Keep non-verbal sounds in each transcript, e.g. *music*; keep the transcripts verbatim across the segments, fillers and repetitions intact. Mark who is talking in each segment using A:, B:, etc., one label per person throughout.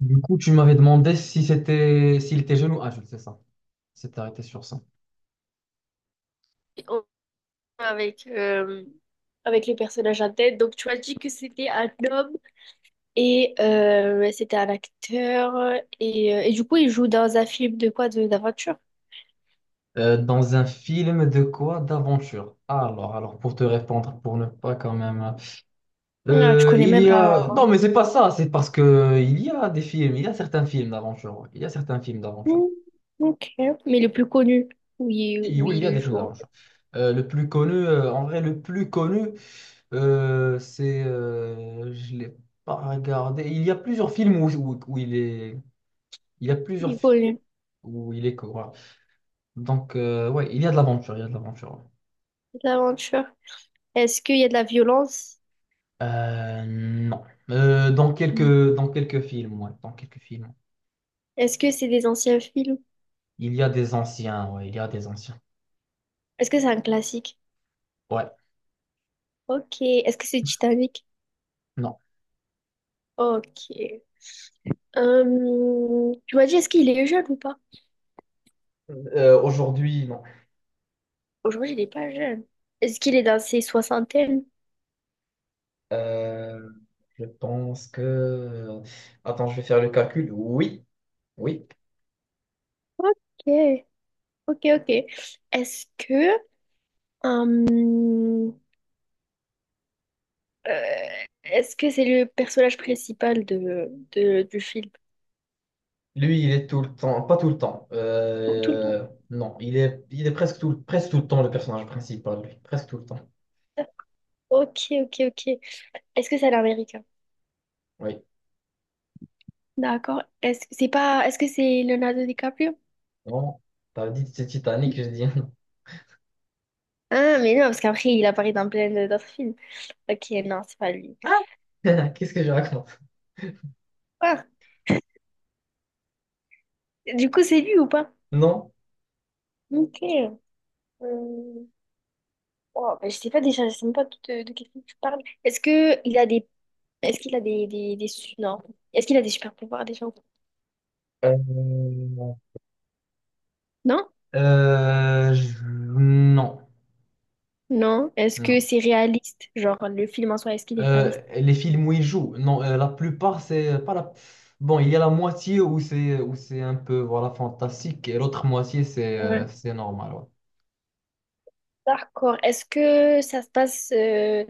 A: Du coup, tu m'avais demandé si c'était s'il était jeune ou adulte, c'est ça. C'est arrêté sur ça.
B: en- Avec, euh, avec le personnage en tête. Donc, tu as dit que c'était un homme et euh, c'était un acteur. Et, euh, et du coup, il joue dans un film de quoi? De, d'aventure?
A: Euh, dans un film de quoi? D'aventure. Alors, alors pour te répondre, pour ne pas quand même.
B: Ah, tu
A: Euh,
B: connais
A: il
B: même
A: y
B: pas.
A: a. Non, mais c'est pas ça. C'est parce que il y a des films. Il y a certains films d'aventure, ouais. Il y a certains films d'aventure.
B: Hmm, ok. Mais le plus connu, où il,
A: Oui,
B: où
A: oui, il y a
B: il
A: des films
B: joue. En fait.
A: d'aventure. Euh, le plus connu, euh, en vrai, le plus connu, euh, c'est, euh, je l'ai pas regardé. Il y a plusieurs films où, où, où il est. Il y a plusieurs
B: Il est
A: fi-
B: connu.
A: Où il est. Donc, euh, ouais, il y a de l'aventure, il y a de l'aventure, ouais.
B: L'aventure. Est-ce qu'il y a de la violence?
A: Euh, non. Euh, dans
B: Hmm.
A: quelques, Dans quelques films, ouais, dans quelques films.
B: Est-ce que c'est des anciens films?
A: Il y a des anciens, ouais, il y a des anciens.
B: Est-ce que c'est un classique?
A: Ouais.
B: Ok. Est-ce que c'est Titanic?
A: Non.
B: Ok. Euh, tu m'as dit, est-ce qu'il est jeune ou pas?
A: Euh, aujourd'hui, non.
B: Aujourd'hui, il n'est pas jeune. Est-ce qu'il est dans ses soixantaines?
A: Euh, je pense que... Attends, je vais faire le calcul. Oui, oui.
B: Ok, ok, ok. Est-ce que, euh, euh, est-ce que c'est le personnage principal de, de- du film?
A: Lui, il est tout le temps, pas tout le temps.
B: Tout, tout le monde.
A: Euh, non, il est, il est presque tout, presque tout le temps le personnage principal, lui. Presque tout le temps.
B: Ok, ok, ok. Est-ce que c'est un Américain?
A: Oui.
B: D'accord. Est-ce que c'est pas, Est-ce que c'est Leonardo DiCaprio?
A: Non, t'as dit c'est Titanic, je dis. *laughs*
B: Ah, mais non, parce qu'après, il apparaît dans plein d'autres films. Ok, non, c'est pas lui.
A: Ah. *laughs* Qu'est-ce que je raconte?
B: Ah, du coup, c'est lui ou pas?
A: Non.
B: Ok. Euh, oh, bah, je sais pas déjà, je sais même pas de, de quel film tu parles. Est-ce que il a des est-ce qu'il a des, des, des su- non. Est-ce qu'il a des super pouvoirs déjà?
A: Euh,
B: Non?
A: euh, je- non.
B: Non. Est-ce que
A: Non.
B: c'est réaliste? Genre le film en soi, est-ce qu'il est
A: Euh,
B: réaliste?
A: les films où il joue, non, euh, la plupart, c'est pas la... Bon, il y a la moitié où c'est où c'est un peu voilà, fantastique, et l'autre moitié, c'est euh,
B: Ouais.
A: c'est normal, ouais.
B: D'accord. Est-ce que ça se passe euh,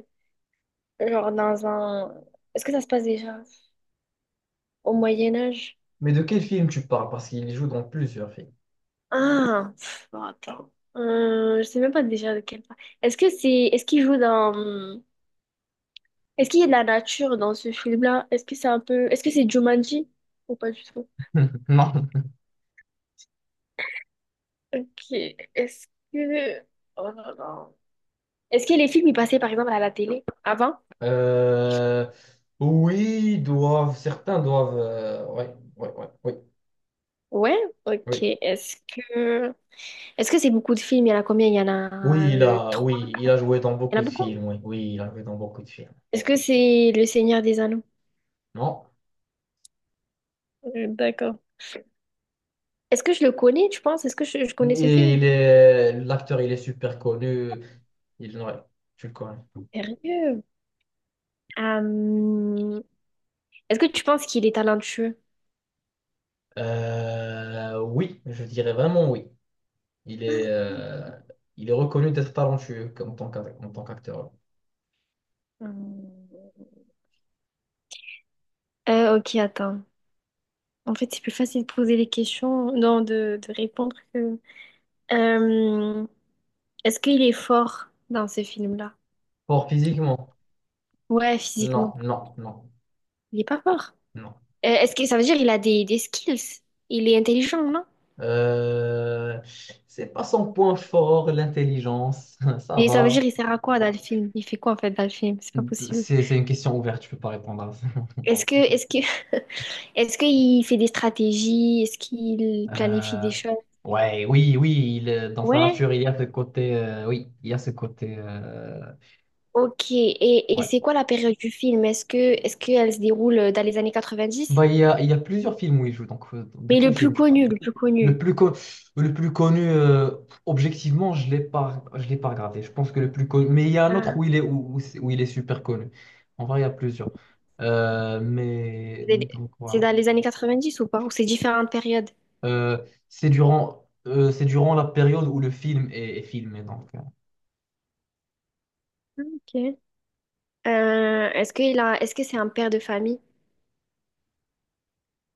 B: genre dans un est-ce que ça se passe déjà au Moyen Âge?
A: Mais de quel film tu parles? Parce qu'il joue dans plusieurs films.
B: Ah, pff, bon, attends. Euh, je sais même pas déjà de quel part. Est-ce que c'est est-ce qu'il joue dans Est-ce qu'il y a de la nature dans ce film-là? Est-ce que c'est un peu... Est-ce que c'est Jumanji? Ou pas du tout?
A: *laughs* Non.
B: Ok. Est-ce que... Oh là là. Est-ce que les films, ils passaient par exemple à la télé avant?
A: Euh, oui, ils doivent, certains doivent, euh, ouais, ouais, ouais, oui,
B: Ouais? Ok.
A: oui.
B: Est-ce que... Est-ce que c'est beaucoup de films? Il y en a combien? Il y en
A: Oui,
B: a
A: il
B: euh,
A: a,
B: trois.
A: oui, il a joué dans
B: Il y en
A: beaucoup
B: a
A: de
B: beaucoup.
A: films. Oui, oui, il a joué dans beaucoup de films.
B: Est-ce que c'est Le Seigneur des Anneaux?
A: Non.
B: Euh, D'accord. Est-ce que je le connais, tu penses? Est-ce que je, je connais ce
A: Et
B: film?
A: il est, l'acteur, il est super connu. Il, ouais, tu le connais.
B: Sérieux? Euh, Est-ce que tu penses qu'il est talentueux?
A: Euh, oui, je dirais vraiment oui. Il est, euh, il est reconnu d'être talentueux en tant qu'ac- en tant qu'acteur.
B: Hmm. Euh, ok, attends. En fait, c'est plus facile de poser les questions, non, de, de répondre que... Euh, est-ce qu'il est fort dans ce film-là?
A: Fort physiquement?
B: Ouais,
A: Non,
B: physiquement.
A: non, non,
B: Il est pas fort.
A: non.
B: Euh, est-ce que ça veut dire qu'il a des, des skills? Il est intelligent, non?
A: Euh, c'est pas son point fort, l'intelligence. *laughs* Ça
B: Et ça veut dire
A: va.
B: il sert à quoi dans le film? Il fait quoi en fait dans le film? C'est pas possible.
A: C'est, c'est une question ouverte, je peux pas répondre.
B: Est-ce que est-ce que *laughs* est-ce qu'il fait des stratégies? Est-ce qu'il planifie
A: Euh,
B: des choses?
A: ouais, oui, oui, il est- dans sa
B: Ouais.
A: nature, il y a ce côté, euh, oui, il y a ce côté, euh,
B: Ok. Et, et
A: ouais.
B: c'est quoi la période du film? Est-ce que est-ce qu'elle se déroule dans les années quatre-vingt-dix?
A: Bah, il y a, il y a plusieurs films où il joue. Donc, euh, de
B: Mais
A: quel
B: le
A: film
B: plus
A: tu parles?
B: connu, le plus
A: Le
B: connu.
A: plus, con- le plus connu, euh, objectivement, je l'ai pas, je l'ai pas regardé. Je pense que le plus connu. Mais il y a un autre
B: Ah,
A: où il est, où, où c'est- où il est super connu. En vrai, il y a plusieurs. Euh, mais
B: c'est des-
A: donc
B: c'est
A: voilà.
B: dans les années quatre-vingt-dix ou pas? Ou c'est différentes périodes?
A: Euh, c'est durant, euh, c'est durant la période où le film est, est filmé. Donc. euh,
B: Ok. Euh, est-ce qu'il a, est-ce que c'est un père de famille?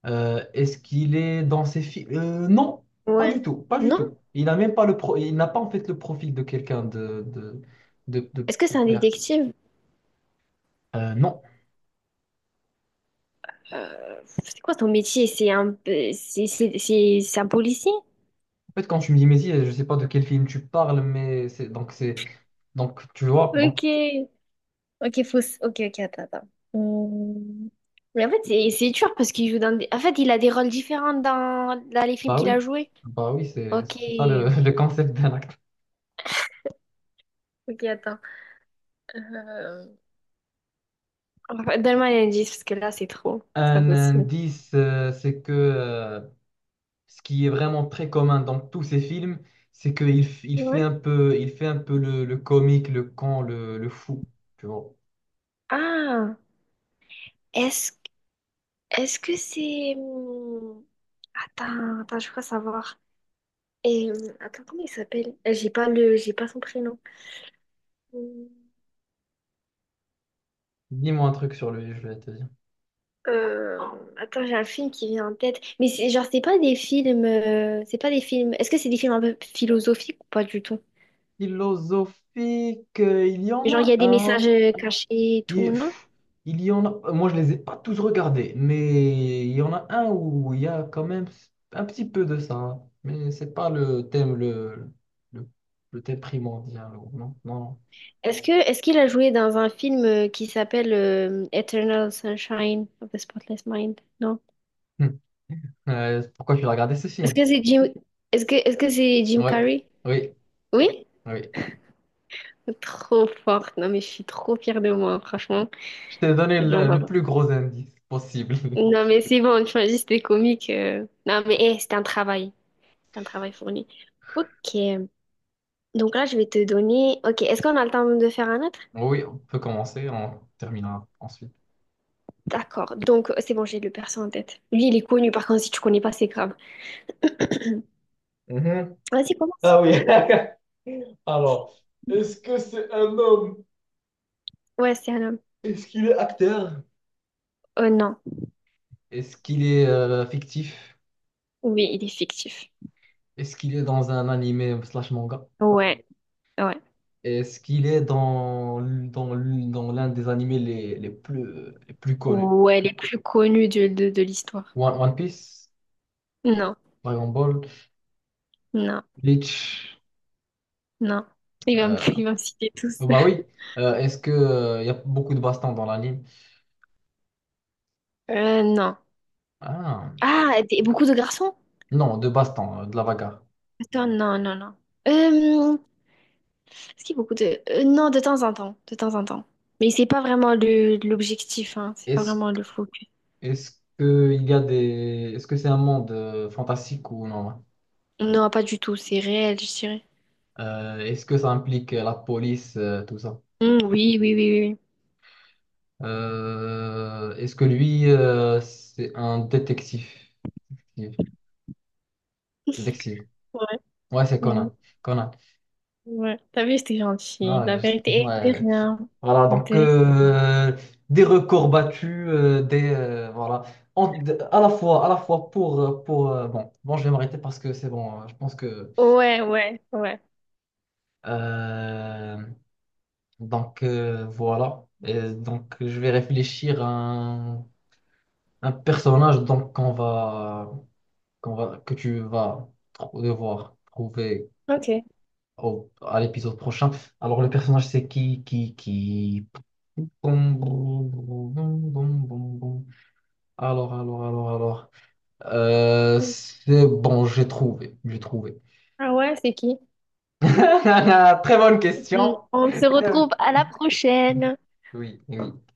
A: Euh, est-ce qu'il est dans ses films? Non, pas
B: Ouais.
A: du tout, pas du
B: Non?
A: tout. Il n'a même pas le pro- il n'a pas en fait le profil de quelqu'un de, de, de, de-
B: Est-ce que
A: de
B: c'est un
A: père.
B: détective?
A: Euh, non.
B: Euh, c'est quoi ton métier? C'est un, euh, c'est, c'est, c'est- C'est un policier?
A: En fait, quand tu me dis Messi, je sais pas de quel film tu parles, mais c'est donc c'est donc tu vois.
B: Ok.
A: Donc
B: Ok, faut... s- Ok, ok, attends, attends. Hmm. Mais en fait, c'est c'est dur parce qu'il joue dans des... En fait, il a des rôles différents dans, dans les films
A: bah
B: qu'il a
A: oui,
B: joués.
A: bah oui, c'est
B: Ok.
A: c'est ça le, *laughs* le concept d'un acte.
B: Ok, attends. Euh, Enfin, donne-moi un indice parce que là, c'est trop. C'est pas
A: Un
B: possible.
A: indice, euh, c'est que euh, ce qui est vraiment très commun dans tous ces films, c'est qu'il f- il fait un
B: Ouais.
A: peu, il fait un peu le, le comique, le con, le, le fou, tu vois.
B: Ah, est-ce est-ce que c'est hum, attends, attends, je crois savoir. Et hum, attends, comment il s'appelle? Euh, J'ai pas le j'ai pas son prénom. Hum,
A: Dis-moi un truc sur lui, je vais te dire.
B: euh, attends, j'ai un film qui vient en tête, mais c'est genre c'est pas des films euh, c'est pas des films. Est-ce que c'est des films un peu philosophiques ou pas du tout?
A: Philosophique, euh, il y en
B: Genre il y
A: a
B: a des
A: un.
B: messages euh, cachés et tout,
A: Il,
B: non?
A: pff, il y en a, euh, moi, je les ai pas tous regardés, mais il y en a un où il y a quand même un petit peu de ça, hein. Mais c'est pas le thème le, le, le thème primordial, non, non, non.
B: Est-ce que est-ce qu'il a joué dans un film euh, qui s'appelle euh, Eternal Sunshine of the Spotless Mind? Non?
A: Hum. Euh, pourquoi tu as regardé ce
B: Est-ce
A: film?
B: que c'est Jim... Est-ce que est-ce que c'est Jim
A: Oui,
B: Carrey?
A: oui,
B: Oui?
A: oui.
B: Trop forte. Non, mais je suis trop fière de moi, franchement.
A: Je t'ai donné
B: C'est vraiment
A: le,
B: pas
A: le
B: mal.
A: plus gros indice possible. *laughs*
B: Non, mais c'est bon, tu m'as dit c'était comique. Euh. Non, mais eh, c'était un travail. C'est un travail fourni. Ok. Donc là, je vais te donner... Ok, est-ce qu'on a le temps de faire un autre?
A: Oui, on peut commencer, on terminera ensuite.
B: D'accord. Donc, c'est bon, j'ai le perso en tête. Lui, il est connu. Par contre, si tu connais pas, c'est grave.
A: Mhm.
B: Vas-y, commence.
A: Ah oui. *laughs* Alors, est-ce que c'est un homme?
B: Ouais, c'est un homme.
A: Est-ce qu'il est acteur?
B: Oh non.
A: Est-ce qu'il est euh, fictif?
B: Oui, il est fictif.
A: Est-ce qu'il est dans un animé slash manga?
B: Ouais, ouais.
A: Est-ce qu'il est dans, dans, dans l'un des animés les, les plus, les plus connus?
B: Ouais, les plus connus de, de, de l'histoire.
A: One, One Piece,
B: Non,
A: Dragon Ball,
B: non.
A: Bleach.
B: Non. Il va me,
A: euh,
B: *laughs* il va me citer tous.
A: Bah oui. Euh, est-ce que, euh, il y a beaucoup de Baston dans l'anime?
B: Euh, non.
A: Ah,
B: Ah, des- beaucoup de garçons?
A: non, de Baston, euh, de la bagarre.
B: Attends, non, non, non. Euh, est-ce qu'il y a beaucoup de... euh, non, de temps en temps. De temps en temps. Mais c'est pas vraiment le, l'objectif, hein. C'est pas
A: Est-ce
B: vraiment le focus.
A: Est-ce que il y a des... Est-ce que c'est un monde euh, fantastique ou non?
B: Non, pas du tout. C'est réel, je dirais.
A: Euh, est-ce que ça implique euh, la police, euh, tout ça?
B: Hmm, oui, oui, oui, oui. Oui.
A: Euh, est-ce que lui, euh, c'est un détective? Détective. Ouais, c'est
B: Ouais, ouais,
A: Conan. Conan.
B: ouais. T'as vu, c'était gentil.
A: Ah,
B: La
A: je-
B: vérité est de
A: ouais.
B: rien.
A: Voilà, donc
B: De...
A: euh, des records battus, euh, des euh, voilà. En- de- à la fois, à la fois pour euh, pour euh, bon, bon, je vais m'arrêter parce que c'est bon. euh, Je pense que
B: Ouais, ouais, ouais.
A: euh, donc euh, voilà. Et donc je vais réfléchir à un, un personnage donc qu'on va, qu'on va, que tu vas tr- devoir trouver
B: Ok.
A: au- à l'épisode prochain. Alors le personnage c'est qui, qui, qui. Alors, alors, alors, alors. Euh, c'est bon, j'ai trouvé. J'ai trouvé.
B: Ah ouais, c'est qui?
A: *laughs* Très bonne
B: Hmm.
A: question.
B: On se
A: Très-
B: retrouve à la prochaine.
A: Oui, oui.